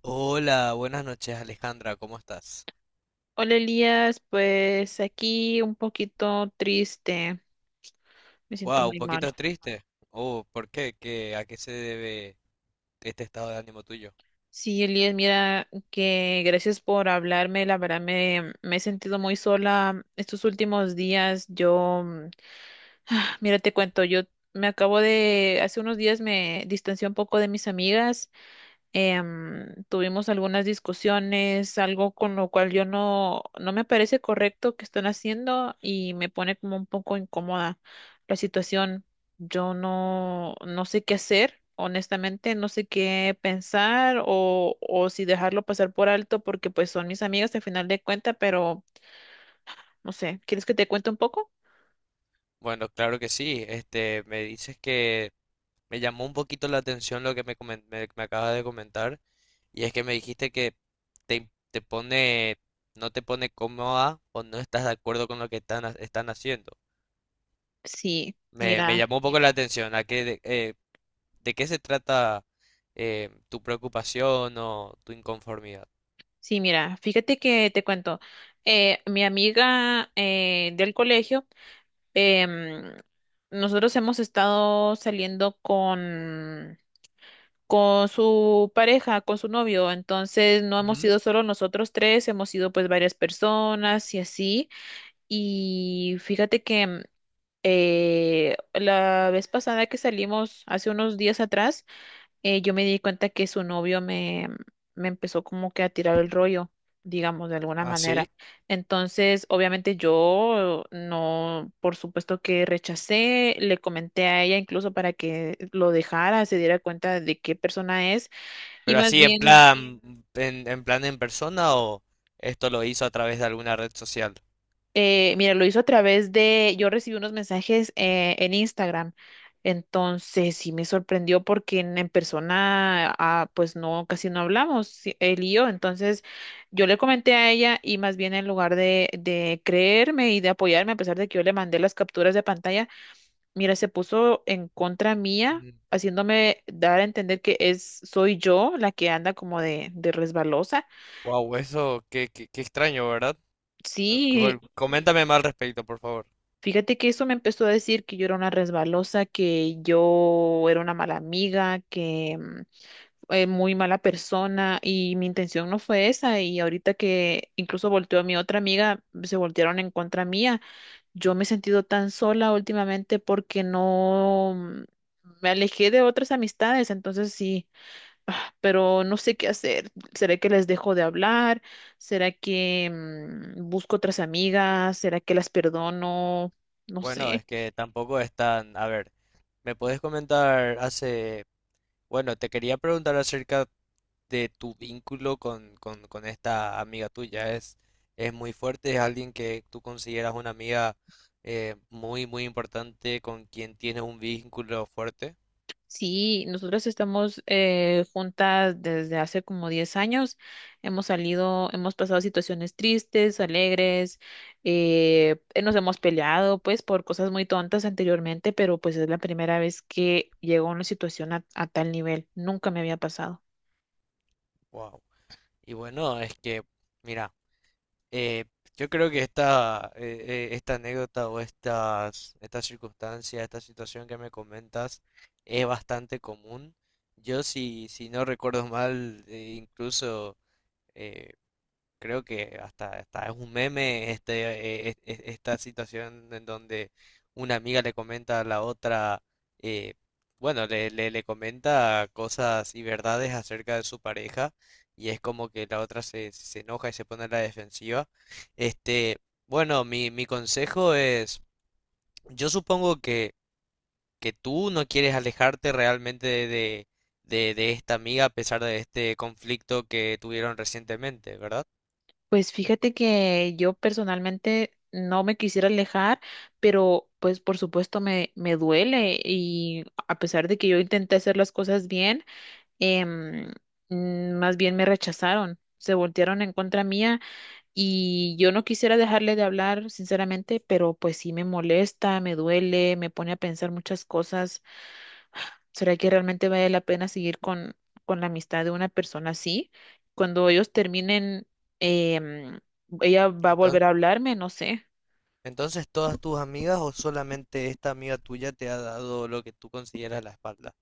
Hola, buenas noches Alejandra, ¿cómo estás? Hola Elías, pues aquí un poquito triste, me siento Wow, un muy mal. poquito triste. Oh, ¿por qué? ¿¿A qué se debe este estado de ánimo tuyo? Sí, Elías, mira que gracias por hablarme, la verdad me he sentido muy sola estos últimos días. Mira, te cuento, yo me acabo de, hace unos días me distancié un poco de mis amigas tuvimos algunas discusiones, algo con lo cual yo no, no me parece correcto que están haciendo y me pone como un poco incómoda la situación. Yo no, no sé qué hacer, honestamente, no sé qué pensar o si dejarlo pasar por alto porque pues son mis amigas al final de cuenta, pero no sé, ¿quieres que te cuente un poco? Bueno, claro que sí. Este, me dices que me llamó un poquito la atención lo que me acabas de comentar y es que me dijiste que te pone, no te pone cómoda o no estás de acuerdo con lo que están haciendo. Sí, Me mira, llamó un poco la atención. ¿¿De qué se trata tu preocupación o tu inconformidad? sí, mira, fíjate que te cuento. Mi amiga del colegio, em, nosotros hemos estado saliendo con su pareja, con su novio, entonces no hemos Ujú. sido solo nosotros tres, hemos sido pues varias personas y así. Y fíjate que la vez pasada que salimos, hace unos días atrás, yo me di cuenta que su novio me empezó como que a tirar el rollo, digamos, de alguna Ah, sí. manera. Entonces, obviamente yo no, por supuesto que rechacé, le comenté a ella incluso para que lo dejara, se diera cuenta de qué persona es y Pero más así en bien... plan, en plan en persona o esto lo hizo a través de alguna red social. Mira, lo hizo a través de, yo recibí unos mensajes en Instagram, entonces sí me sorprendió porque en persona, ah, pues no, casi no hablamos, sí, él y yo, entonces yo le comenté a ella y más bien en lugar de creerme y de apoyarme, a pesar de que yo le mandé las capturas de pantalla, mira, se puso en contra mía, haciéndome dar a entender que es, soy yo la que anda como de resbalosa. Wow, eso, qué extraño, ¿verdad? Sí. Coméntame más al respecto, por favor. Fíjate que eso me empezó a decir que yo era una resbalosa, que yo era una mala amiga, que muy mala persona y mi intención no fue esa y ahorita que incluso volteó a mi otra amiga, se voltearon en contra mía. Yo me he sentido tan sola últimamente porque no mm, me alejé de otras amistades, entonces sí ah, pero no sé qué hacer. ¿Será que les dejo de hablar? ¿Será que busco otras amigas? ¿Será que las perdono? No Bueno, es sé. que tampoco es tan... A ver, ¿me puedes comentar hace... Bueno, te quería preguntar acerca de tu vínculo con esta amiga tuya. Es muy fuerte, es alguien que tú consideras una amiga muy importante, con quien tienes un vínculo fuerte. Sí, nosotras estamos juntas desde hace como 10 años. Hemos salido, hemos pasado situaciones tristes, alegres, nos hemos peleado pues por cosas muy tontas anteriormente, pero pues es la primera vez que llego a una situación a tal nivel. Nunca me había pasado. Wow. Y bueno, mira, eh, yo creo que esta anécdota o esta circunstancia, esta situación que me comentas es bastante común. Yo si no recuerdo mal, incluso eh, creo que hasta es un meme este, esta situación en donde una amiga le comenta a la otra, eh, bueno, le comenta cosas y verdades acerca de su pareja y es como que la otra se enoja y se pone a la defensiva. Este, bueno, mi consejo es, yo supongo que tú no quieres alejarte realmente de esta amiga a pesar de este conflicto que tuvieron recientemente, ¿verdad? Pues fíjate que yo personalmente no me quisiera alejar, pero pues por supuesto me duele y a pesar de que yo intenté hacer las cosas bien, em, más bien me rechazaron, se voltearon en contra mía y yo no quisiera dejarle de hablar, sinceramente, pero pues sí me molesta, me duele, me pone a pensar muchas cosas. ¿Será que realmente vale la pena seguir con la amistad de una persona así? Cuando ellos terminen, em, ella va a Entonces, volver a hablarme, no sé. Entonces, ¿todas tus amigas o solamente esta amiga tuya te ha dado lo que tú consideras la espalda?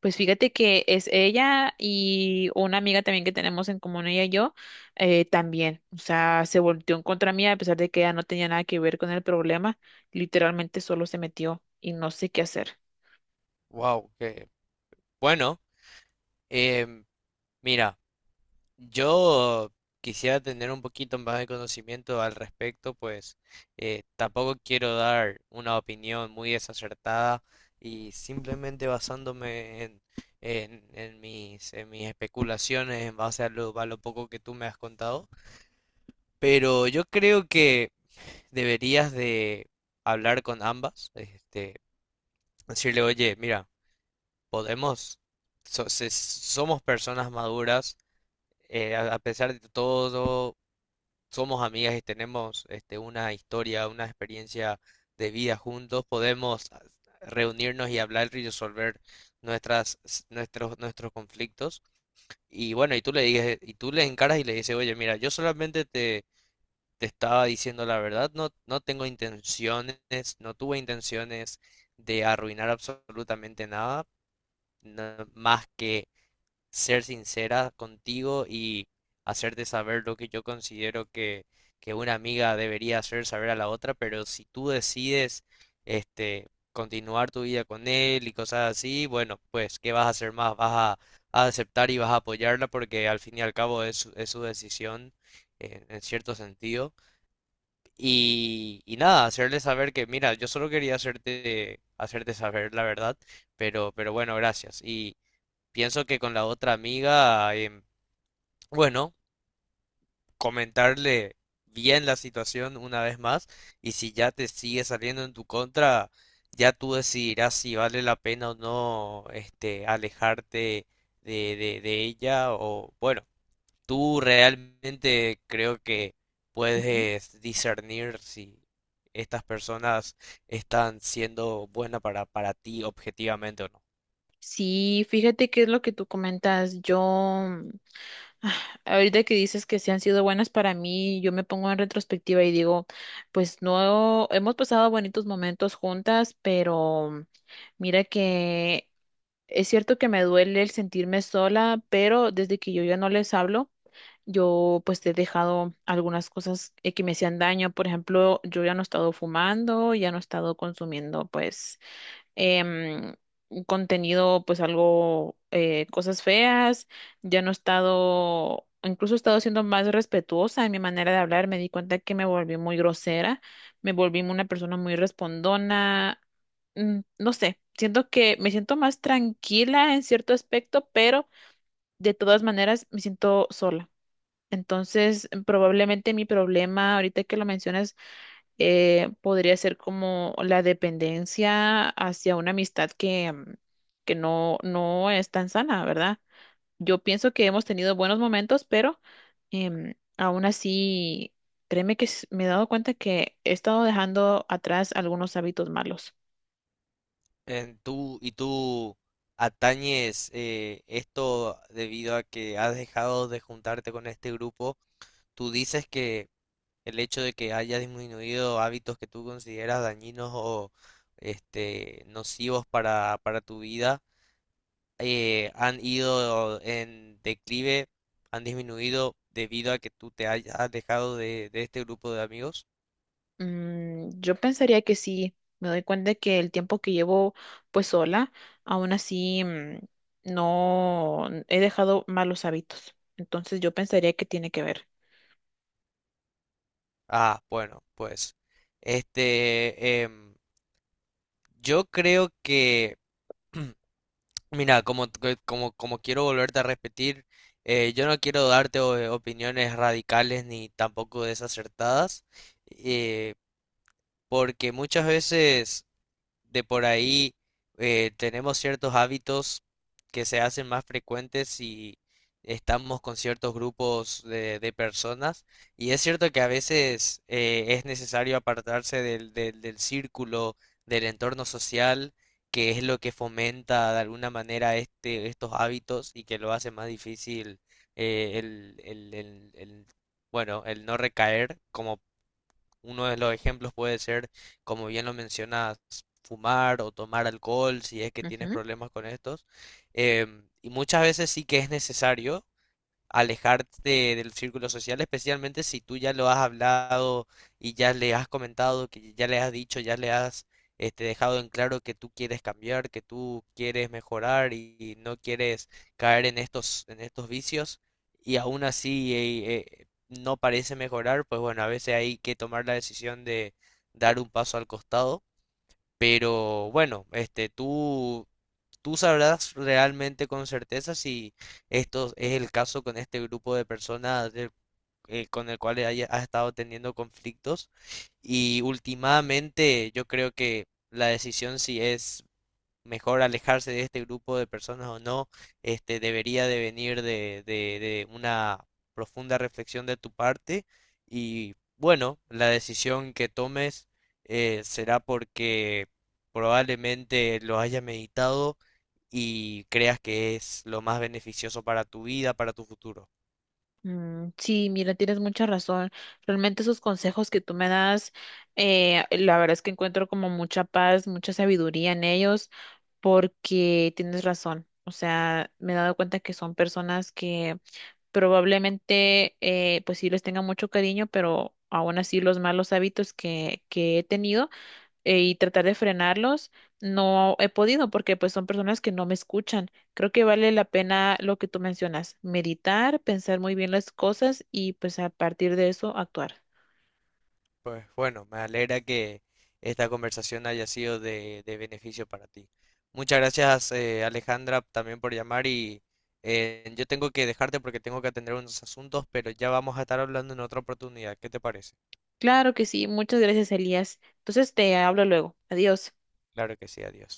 Pues fíjate que es ella y una amiga también que tenemos en común, ella y yo, también. O sea, se volteó en contra mía a pesar de que ella no tenía nada que ver con el problema. Literalmente solo se metió y no sé qué hacer. Wow, que bueno. Em, mira, yo quisiera tener un poquito más de conocimiento al respecto, pues tampoco quiero dar una opinión muy desacertada y simplemente basándome en mis especulaciones en base a lo poco que tú me has contado. Pero yo creo que deberías de hablar con ambas, este, decirle, oye, mira, podemos, somos personas maduras, a pesar de todo, somos amigas y tenemos este, una historia, una experiencia de vida juntos, podemos ah, reunirnos y hablar y resolver nuestros conflictos. Y bueno, y tú le dices, y tú le encaras y le dices, oye, mira, yo solamente te estaba diciendo la verdad, no, no tengo intenciones, no tuve intenciones de arruinar absolutamente nada, no- más que ser sincera contigo y hacerte saber lo que yo considero que una amiga debería hacer saber a la otra, pero si tú decides este continuar tu vida con él y cosas así, bueno, pues ¿qué vas a hacer más? Vas a, a aceptar y vas a apoyarla porque al fin y al cabo es su decisión en cierto sentido. Y nada, hacerle saber que, mira, yo solo quería hacerte saber la verdad, pero bueno, gracias. Y pienso que con la otra amiga, em, bueno, comentarle bien la situación una vez más, y si ya te sigue saliendo en tu contra, ya tú decidirás si vale la pena o no, este, alejarte de ella, o bueno, tú realmente creo que puedes discernir si estas personas están siendo buenas para ti objetivamente o no. Sí, fíjate qué es lo que tú comentas. Yo, ah, ahorita que dices que sí han sido buenas para mí, yo me pongo en retrospectiva y digo, pues no, hemos pasado bonitos momentos juntas, pero mira que es cierto que me duele el sentirme sola, pero desde que yo ya no les hablo, yo pues he dejado algunas cosas que me hacían daño. Por ejemplo, yo ya no he estado fumando, ya no he estado consumiendo pues em, un contenido, pues algo, cosas feas. Ya no he estado, incluso he estado siendo más respetuosa en mi manera de hablar. Me di cuenta que me volví muy grosera, me volví una persona muy respondona. No sé, siento que me siento más tranquila en cierto aspecto, pero de todas maneras me siento sola. Entonces, probablemente mi problema, ahorita que lo mencionas, podría ser como la dependencia hacia una amistad que no es tan sana, ¿verdad? Yo pienso que hemos tenido buenos momentos, pero aún así, créeme que me he dado cuenta que he estado dejando atrás algunos hábitos malos. En tú, y tú atañes esto debido a que has dejado de juntarte con este grupo. Tú dices que el hecho de que haya disminuido hábitos que tú consideras dañinos o este, nocivos para tu vida han ido en declive, ¿han disminuido debido a que tú te hayas alejado de este grupo de amigos? Mm, yo pensaría que sí, me doy cuenta que el tiempo que llevo pues sola, aún así no he dejado malos hábitos. Entonces yo pensaría que tiene que ver. Ah, bueno, pues, este, em, yo creo que, mira, como quiero volverte a repetir, yo no quiero darte opiniones radicales ni tampoco desacertadas, eh, porque muchas veces de por ahí tenemos ciertos hábitos que se hacen más frecuentes si estamos con ciertos grupos de personas. Y es cierto que a veces es necesario apartarse del círculo, del entorno social, que es lo que fomenta de alguna manera este, estos hábitos y que lo hace más difícil el, bueno, el no recaer como uno de los ejemplos puede ser, como bien lo mencionas, fumar o tomar alcohol si es que tienes problemas con estos. Em, y muchas veces sí que es necesario, alejarte del círculo social, especialmente si tú ya lo has hablado y ya le has comentado, que ya le has dicho, ya le has este, dejado en claro que tú quieres cambiar, que tú quieres mejorar y no quieres caer en estos vicios y aún así no parece mejorar, pues bueno, a veces hay que tomar la decisión de dar un paso al costado. Pero bueno, este, tú sabrás realmente con certeza si esto es el caso con este grupo de personas, con el cual has estado teniendo conflictos. Y últimamente yo creo que la decisión si es mejor alejarse de este grupo de personas o no, este, debería de venir de una profunda reflexión de tu parte y bueno, la decisión que tomes será porque probablemente lo hayas meditado y creas que es lo más beneficioso para tu vida, para tu futuro. Mm, sí, mira, tienes mucha razón. Realmente esos consejos que tú me das, la verdad es que encuentro como mucha paz, mucha sabiduría en ellos, porque tienes razón. O sea, me he dado cuenta que son personas que probablemente, pues sí les tenga mucho cariño, pero aún así los malos hábitos que he tenido y tratar de frenarlos, no he podido porque pues son personas que no me escuchan. Creo que vale la pena lo que tú mencionas, meditar, pensar muy bien las cosas y pues a partir de eso actuar. Pues bueno, me alegra que esta conversación haya sido de beneficio para ti. Muchas gracias, Alejandra, también por llamar y yo tengo que dejarte porque tengo que atender unos asuntos, pero ya vamos a estar hablando en otra oportunidad. ¿Qué te parece? Claro que sí, muchas gracias, Elías. Entonces te hablo luego. Adiós. Claro que sí, adiós.